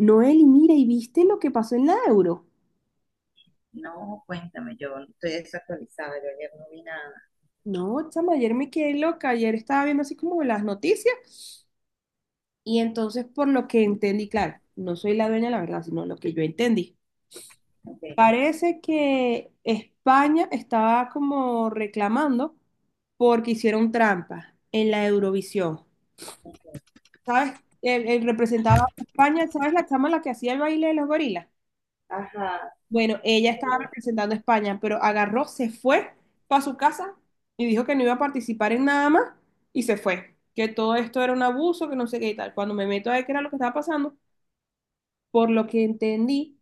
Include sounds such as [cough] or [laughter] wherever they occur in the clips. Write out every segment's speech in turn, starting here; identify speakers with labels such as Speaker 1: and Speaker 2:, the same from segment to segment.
Speaker 1: Noel, y mira, ¿y viste lo que pasó en la Euro?
Speaker 2: No, cuéntame, yo estoy desactualizada, yo ayer no vi nada.
Speaker 1: No, chama, ayer me quedé loca, ayer estaba viendo así como las noticias y entonces por lo que entendí, claro, no soy la dueña de la verdad, sino lo que yo entendí.
Speaker 2: Ok.
Speaker 1: Parece que España estaba como reclamando porque hicieron trampa en la Eurovisión. ¿Sabes? El representaba a España, ¿sabes la chama la que hacía el baile de los gorilas?
Speaker 2: Ajá,
Speaker 1: Bueno, ella estaba
Speaker 2: hello,
Speaker 1: representando a España, pero agarró, se fue para su casa y dijo que no iba a participar en nada más y se fue. Que todo esto era un abuso, que no sé qué y tal. Cuando me meto a ver qué era lo que estaba pasando, por lo que entendí,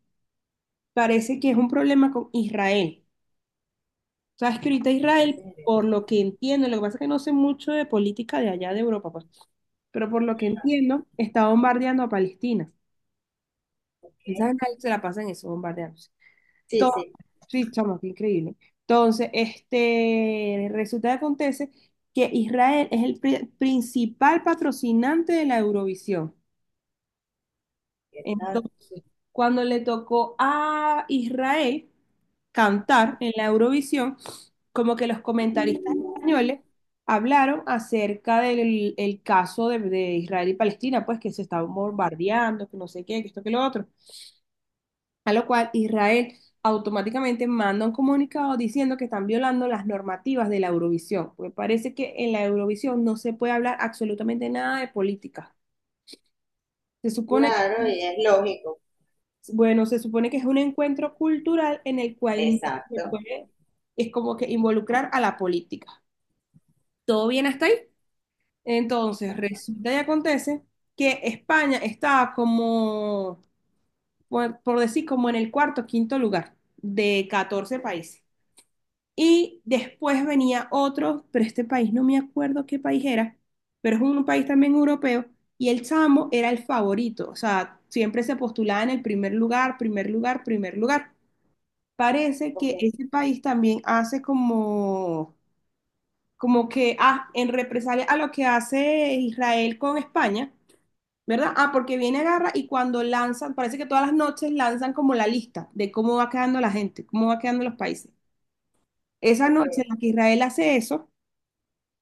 Speaker 1: parece que es un problema con Israel. Sabes que ahorita
Speaker 2: en
Speaker 1: Israel,
Speaker 2: serio,
Speaker 1: por lo que entiendo, lo que pasa es que no sé mucho de política de allá de Europa, pues, pero por lo que entiendo, está bombardeando a Palestina. Esa
Speaker 2: ok.
Speaker 1: gente se la pasa en eso, bombardeando.
Speaker 2: Sí,
Speaker 1: To-
Speaker 2: sí,
Speaker 1: Sí, chamo, qué increíble. Entonces, resulta que acontece que Israel es el principal patrocinante de la Eurovisión.
Speaker 2: ¿qué tal?
Speaker 1: Entonces, cuando le tocó a Israel cantar en la Eurovisión, como que los comentaristas españoles hablaron acerca del el caso de Israel y Palestina, pues que se estaban bombardeando, que no sé qué, que esto, que lo otro. A lo cual Israel automáticamente manda un comunicado diciendo que están violando las normativas de la Eurovisión, porque parece que en la Eurovisión no se puede hablar absolutamente nada de política. Se supone que,
Speaker 2: Claro, y es lógico.
Speaker 1: bueno, se supone que es un encuentro cultural en el cual no se
Speaker 2: Exacto.
Speaker 1: puede, es como que involucrar a la política. ¿Todo bien hasta ahí? Entonces,
Speaker 2: Ajá.
Speaker 1: resulta y acontece que España estaba como, por decir, como en el cuarto, quinto lugar de 14 países. Y después venía otro, pero este país no me acuerdo qué país era, pero es un país también europeo. Y el chamo era el favorito, o sea, siempre se postulaba en el primer lugar, primer lugar, primer lugar. Parece
Speaker 2: Ok,
Speaker 1: que ese país también hace como, como que, ah, en represalia a lo que hace Israel con España, ¿verdad? Ah, porque viene a guerra y cuando lanzan, parece que todas las noches lanzan como la lista de cómo va quedando la gente, cómo va quedando los países. Esa
Speaker 2: ok,
Speaker 1: noche en la que Israel hace eso,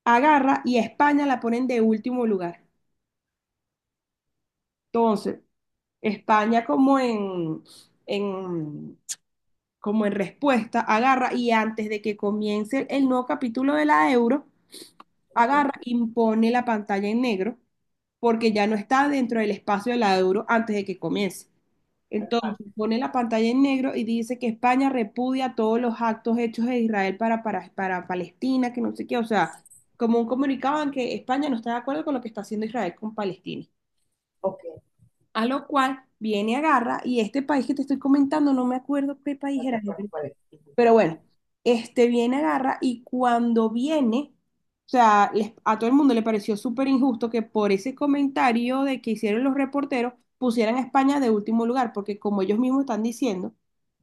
Speaker 1: agarra y a España la ponen de último lugar. Entonces, España como en- como en respuesta, agarra y antes de que comience el nuevo capítulo de la euro,
Speaker 2: ok.
Speaker 1: agarra, impone la pantalla en negro porque ya no está dentro del espacio de la euro antes de que comience.
Speaker 2: Ajá,
Speaker 1: Entonces pone la pantalla en negro y dice que España repudia todos los actos hechos de Israel para Palestina, que no sé qué, o sea, como un comunicado en que España no está de acuerdo con lo que está haciendo Israel con Palestina.
Speaker 2: ok,
Speaker 1: A lo cual viene, agarra, y este país que te estoy comentando, no me acuerdo qué país
Speaker 2: no te
Speaker 1: era,
Speaker 2: acuerdas cuál es. Ujú.
Speaker 1: pero bueno, este viene, agarra y cuando viene, o sea, a todo el mundo le pareció súper injusto que por ese comentario de que hicieron los reporteros pusieran a España de último lugar, porque como ellos mismos están diciendo,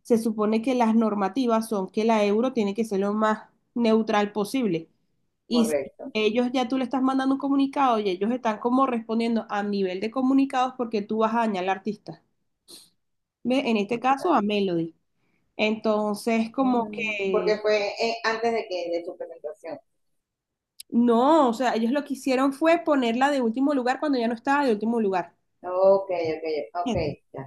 Speaker 1: se supone que las normativas son que la euro tiene que ser lo más neutral posible. Y si
Speaker 2: Correcto.
Speaker 1: ellos ya tú le estás mandando un comunicado y ellos están como respondiendo a nivel de comunicados porque tú vas a dañar al artista. ¿Ve? En este caso a
Speaker 2: Exacto.
Speaker 1: Melody. Entonces, como
Speaker 2: Mm,
Speaker 1: que
Speaker 2: porque fue antes de que de su presentación.
Speaker 1: no, o sea, ellos lo que hicieron fue ponerla de último lugar cuando ya no estaba de último lugar.
Speaker 2: Ok, ok, ok, ya,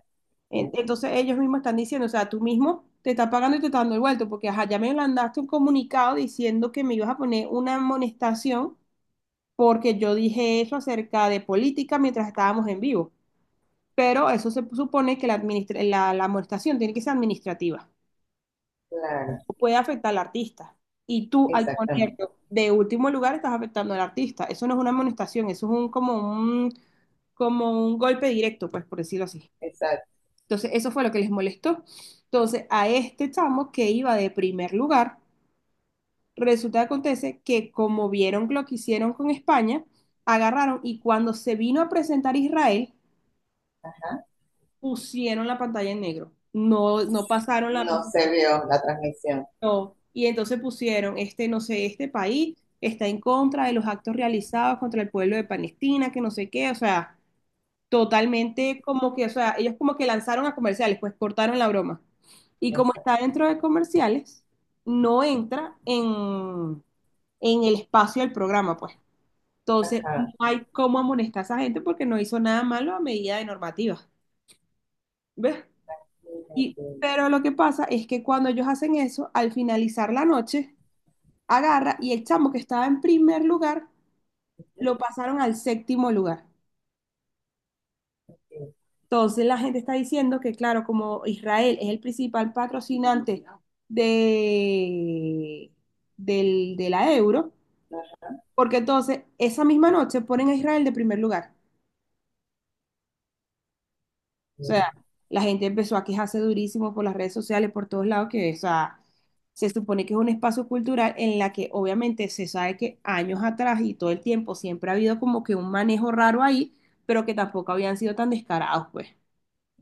Speaker 2: ya, ya.
Speaker 1: Entonces ellos mismos están diciendo, o sea, tú mismo te estás pagando y te estás dando el vuelto, porque ajá, ya me mandaste un comunicado diciendo que me ibas a poner una amonestación porque yo dije eso acerca de política mientras estábamos en vivo. Pero eso se supone que la amonestación tiene que ser administrativa.
Speaker 2: Claro,
Speaker 1: Puede afectar al artista. Y tú, al
Speaker 2: exactamente.
Speaker 1: ponerlo de último lugar, estás afectando al artista. Eso no es una amonestación, eso es un, como un como un golpe directo, pues por decirlo así.
Speaker 2: Exacto.
Speaker 1: Entonces, eso fue lo que les molestó. Entonces, a este chamo que iba de primer lugar, resulta que acontece que como vieron lo que hicieron con España, agarraron y cuando se vino a presentar Israel, pusieron la pantalla en negro. No, no pasaron la
Speaker 2: No se
Speaker 1: presentación.
Speaker 2: vio la transmisión.
Speaker 1: No. Y entonces pusieron, este, no sé, este país está en contra de los actos realizados contra el pueblo de Palestina, que no sé qué, o sea. Totalmente como que, o sea, ellos como que lanzaron a comerciales, pues cortaron la broma. Y como está
Speaker 2: Exacto.
Speaker 1: dentro de comerciales, no entra en el espacio del programa, pues. Entonces, no
Speaker 2: Ajá.
Speaker 1: hay cómo amonestar a esa gente porque no hizo nada malo a medida de normativa. ¿Ves?
Speaker 2: Mira
Speaker 1: Y,
Speaker 2: que-
Speaker 1: pero lo que pasa es que cuando ellos hacen eso, al finalizar la noche, agarra y el chamo que estaba en primer lugar,
Speaker 2: ujú,
Speaker 1: lo pasaron al séptimo lugar.
Speaker 2: que-
Speaker 1: Entonces la gente está diciendo que, claro, como Israel es el principal patrocinante de, de la euro,
Speaker 2: Ajá.
Speaker 1: porque entonces esa misma noche ponen a Israel de primer lugar. O sea,
Speaker 2: Ya.
Speaker 1: la gente empezó a quejarse durísimo por las redes sociales, por todos lados, que, o sea, se supone que es un espacio cultural en la que obviamente se sabe que años atrás y todo el tiempo siempre ha habido como que un manejo raro ahí, pero que tampoco habían sido tan descarados, pues.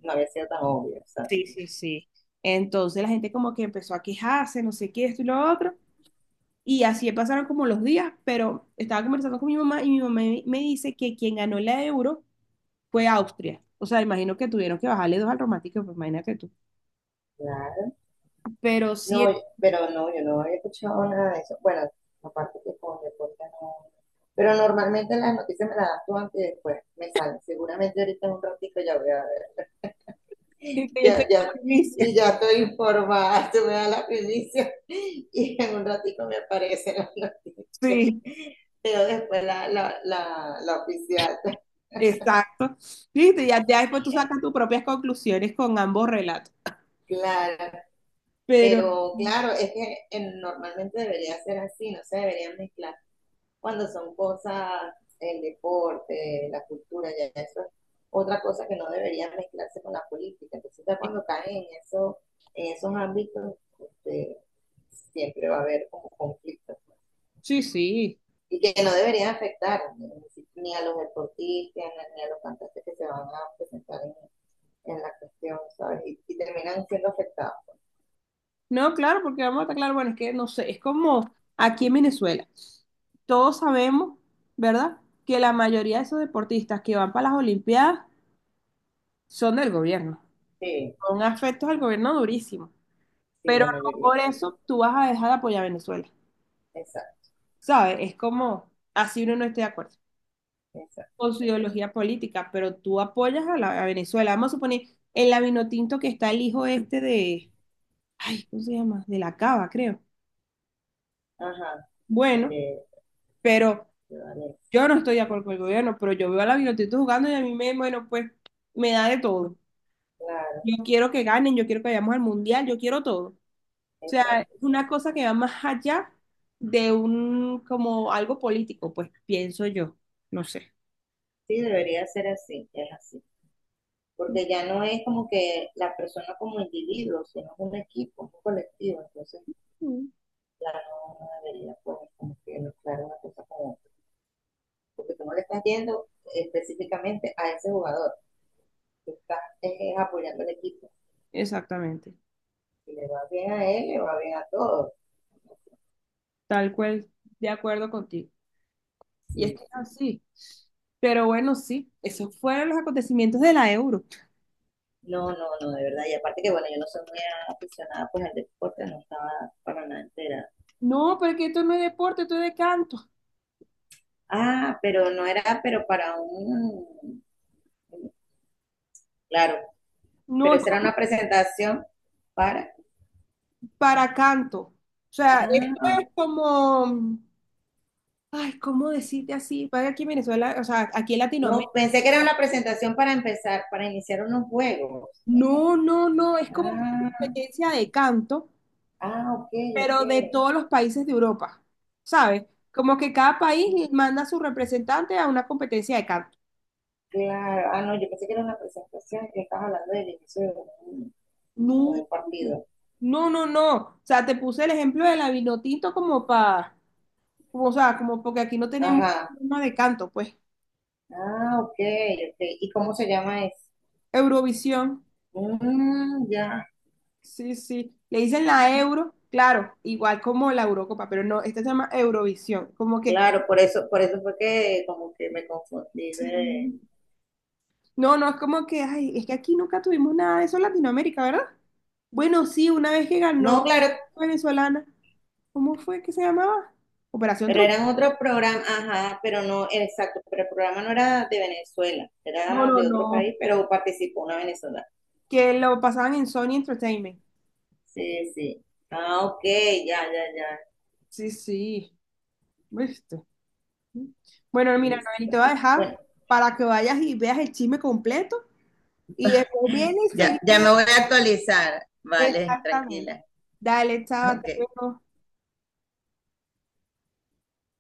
Speaker 2: No había sido tan obvio, exacto.
Speaker 1: Sí, sí, sí. Entonces la gente como que empezó a quejarse, no sé qué, esto y lo otro. Y así pasaron como los días, pero estaba conversando con mi mamá y mi mamá me dice que quien ganó la euro fue Austria. O sea, imagino que tuvieron que bajarle dos al romántico, pues imagínate tú.
Speaker 2: Claro.
Speaker 1: Pero sí,
Speaker 2: No,
Speaker 1: [laughs]
Speaker 2: pero no, yo no había escuchado nada de eso. Bueno, aparte que con deporte no. Pero normalmente las noticias me las das tú antes y después me salen. Seguramente ahorita en un ratito ya voy a ver.
Speaker 1: yo estoy
Speaker 2: Ya,
Speaker 1: con
Speaker 2: ya,
Speaker 1: la primicia.
Speaker 2: y ya estoy informada. [laughs] Tú me das la primicia y en un ratito me aparecen las noticias.
Speaker 1: Sí,
Speaker 2: Pero después la oficial. [laughs]
Speaker 1: exacto. Viste, ya, ya después tú sacas tus propias conclusiones con ambos relatos.
Speaker 2: Claro,
Speaker 1: Pero
Speaker 2: pero claro, es que normalmente debería ser así, no se deberían mezclar cuando son cosas, el deporte, la cultura, ya eso es otra cosa que no debería mezclarse con la política. Entonces ya cuando caen en eso, en esos ámbitos, este, siempre va a haber como conflictos.
Speaker 1: sí, sí.
Speaker 2: Y que no deberían afectar, ¿no?, ni a los deportistas, ni a los cantantes que se van a presentar en la cuestión, ¿sabes? Y terminan siendo afectados.
Speaker 1: No, claro, porque vamos a estar claro, bueno, es que no sé, es como aquí en Venezuela. Todos sabemos, ¿verdad? Que la mayoría de esos deportistas que van para las Olimpiadas son del gobierno.
Speaker 2: Sí,
Speaker 1: Son afectos al gobierno durísimo.
Speaker 2: sí,
Speaker 1: Pero
Speaker 2: la
Speaker 1: no
Speaker 2: mayoría
Speaker 1: por
Speaker 2: está.
Speaker 1: eso tú vas a dejar de apoyar a Venezuela.
Speaker 2: Exacto.
Speaker 1: ¿Sabes? Es como, así uno no esté de acuerdo
Speaker 2: Exacto,
Speaker 1: con su
Speaker 2: exacto.
Speaker 1: ideología política, pero tú apoyas a, la, a Venezuela. Vamos a suponer, en la Vinotinto que está el hijo este de, ay, ¿cómo se llama? De la Cava, creo.
Speaker 2: Ajá, el
Speaker 1: Bueno, pero...
Speaker 2: de Valencia.
Speaker 1: Yo no estoy de
Speaker 2: Ajá,
Speaker 1: acuerdo con el gobierno, pero yo veo a la Vinotinto jugando y a mí me, bueno, pues me da de todo.
Speaker 2: claro,
Speaker 1: Yo quiero que ganen, yo quiero que vayamos al mundial, yo quiero todo. O sea,
Speaker 2: exacto,
Speaker 1: una
Speaker 2: exacto.
Speaker 1: cosa que va más allá de un, como algo político, pues pienso yo, no sé.
Speaker 2: Sí, debería ser así, es así. Porque ya no es como que la persona como individuo, sino es un equipo, un colectivo. Entonces,
Speaker 1: Ujú.
Speaker 2: ya no, no debería pues, como que mezclar una cosa con otra. Porque tú no le estás yendo específicamente a ese jugador. Tú estás apoyando al equipo.
Speaker 1: Exactamente,
Speaker 2: Si le va bien a él, le va bien a todos.
Speaker 1: tal cual, de acuerdo contigo. Y es
Speaker 2: Sí,
Speaker 1: que es
Speaker 2: sí.
Speaker 1: así. Pero bueno, sí, esos fueron los acontecimientos de la Euro.
Speaker 2: No, no, no, de verdad. Y aparte que, bueno, yo no soy muy aficionada pues al deporte, no estaba para nada enterada.
Speaker 1: No, porque esto no es deporte, esto es de canto.
Speaker 2: Ah, pero no era, pero para un... Claro, pero
Speaker 1: No,
Speaker 2: esa era una presentación para...
Speaker 1: para canto. O sea, esto
Speaker 2: Ah,
Speaker 1: es como, ay, ¿cómo decirte así? Vaya aquí en Venezuela, o sea, aquí en
Speaker 2: no,
Speaker 1: Latinoamérica.
Speaker 2: pensé que era una presentación para empezar, para iniciar unos juegos.
Speaker 1: No, no, no, es como una
Speaker 2: Ah,
Speaker 1: competencia de canto,
Speaker 2: ah, ok, ok.
Speaker 1: pero de todos los países de Europa, ¿sabes? Como que cada país manda a su representante a una competencia de canto.
Speaker 2: Claro. Ah, no, yo pensé que era una presentación que estabas hablando del inicio de un, como de un
Speaker 1: No,
Speaker 2: partido.
Speaker 1: no, no, no. O sea, te puse el ejemplo de la Vinotinto como para, como, o sea, como porque aquí no tenemos
Speaker 2: Ajá.
Speaker 1: forma de canto, pues.
Speaker 2: Ah, ok, ok. ¿Y cómo se llama eso?
Speaker 1: Eurovisión.
Speaker 2: Mm, ya,
Speaker 1: Sí, sí. Le dicen la Euro, claro, igual como la Eurocopa, pero no, esta se llama Eurovisión. Como que,
Speaker 2: claro, por eso fue que como que me confundí de...
Speaker 1: sí. No, no, es como que, ay, es que aquí nunca tuvimos nada de eso en Latinoamérica, ¿verdad? Bueno, sí, una vez que ganó
Speaker 2: No, claro,
Speaker 1: venezolana, ¿cómo fue que se llamaba? Operación
Speaker 2: pero
Speaker 1: Triunfo.
Speaker 2: eran otro programa, ajá, pero no, exacto, pero el programa no era de Venezuela,
Speaker 1: No,
Speaker 2: era
Speaker 1: no,
Speaker 2: de otro
Speaker 1: no.
Speaker 2: país, pero participó una venezolana.
Speaker 1: Que lo pasaban en Sony Entertainment.
Speaker 2: Sí, sí. Ah, ok, ya, ya, ya.
Speaker 1: Sí, sí. Listo. Bueno, mira, Noel, te
Speaker 2: Listo.
Speaker 1: voy a dejar
Speaker 2: Bueno,
Speaker 1: para que vayas y veas el chisme completo y después vienes y
Speaker 2: ya, ya
Speaker 1: seguimos.
Speaker 2: me voy a actualizar. Vale,
Speaker 1: Exactamente.
Speaker 2: tranquila.
Speaker 1: Dale, chao, hasta
Speaker 2: Ok.
Speaker 1: luego.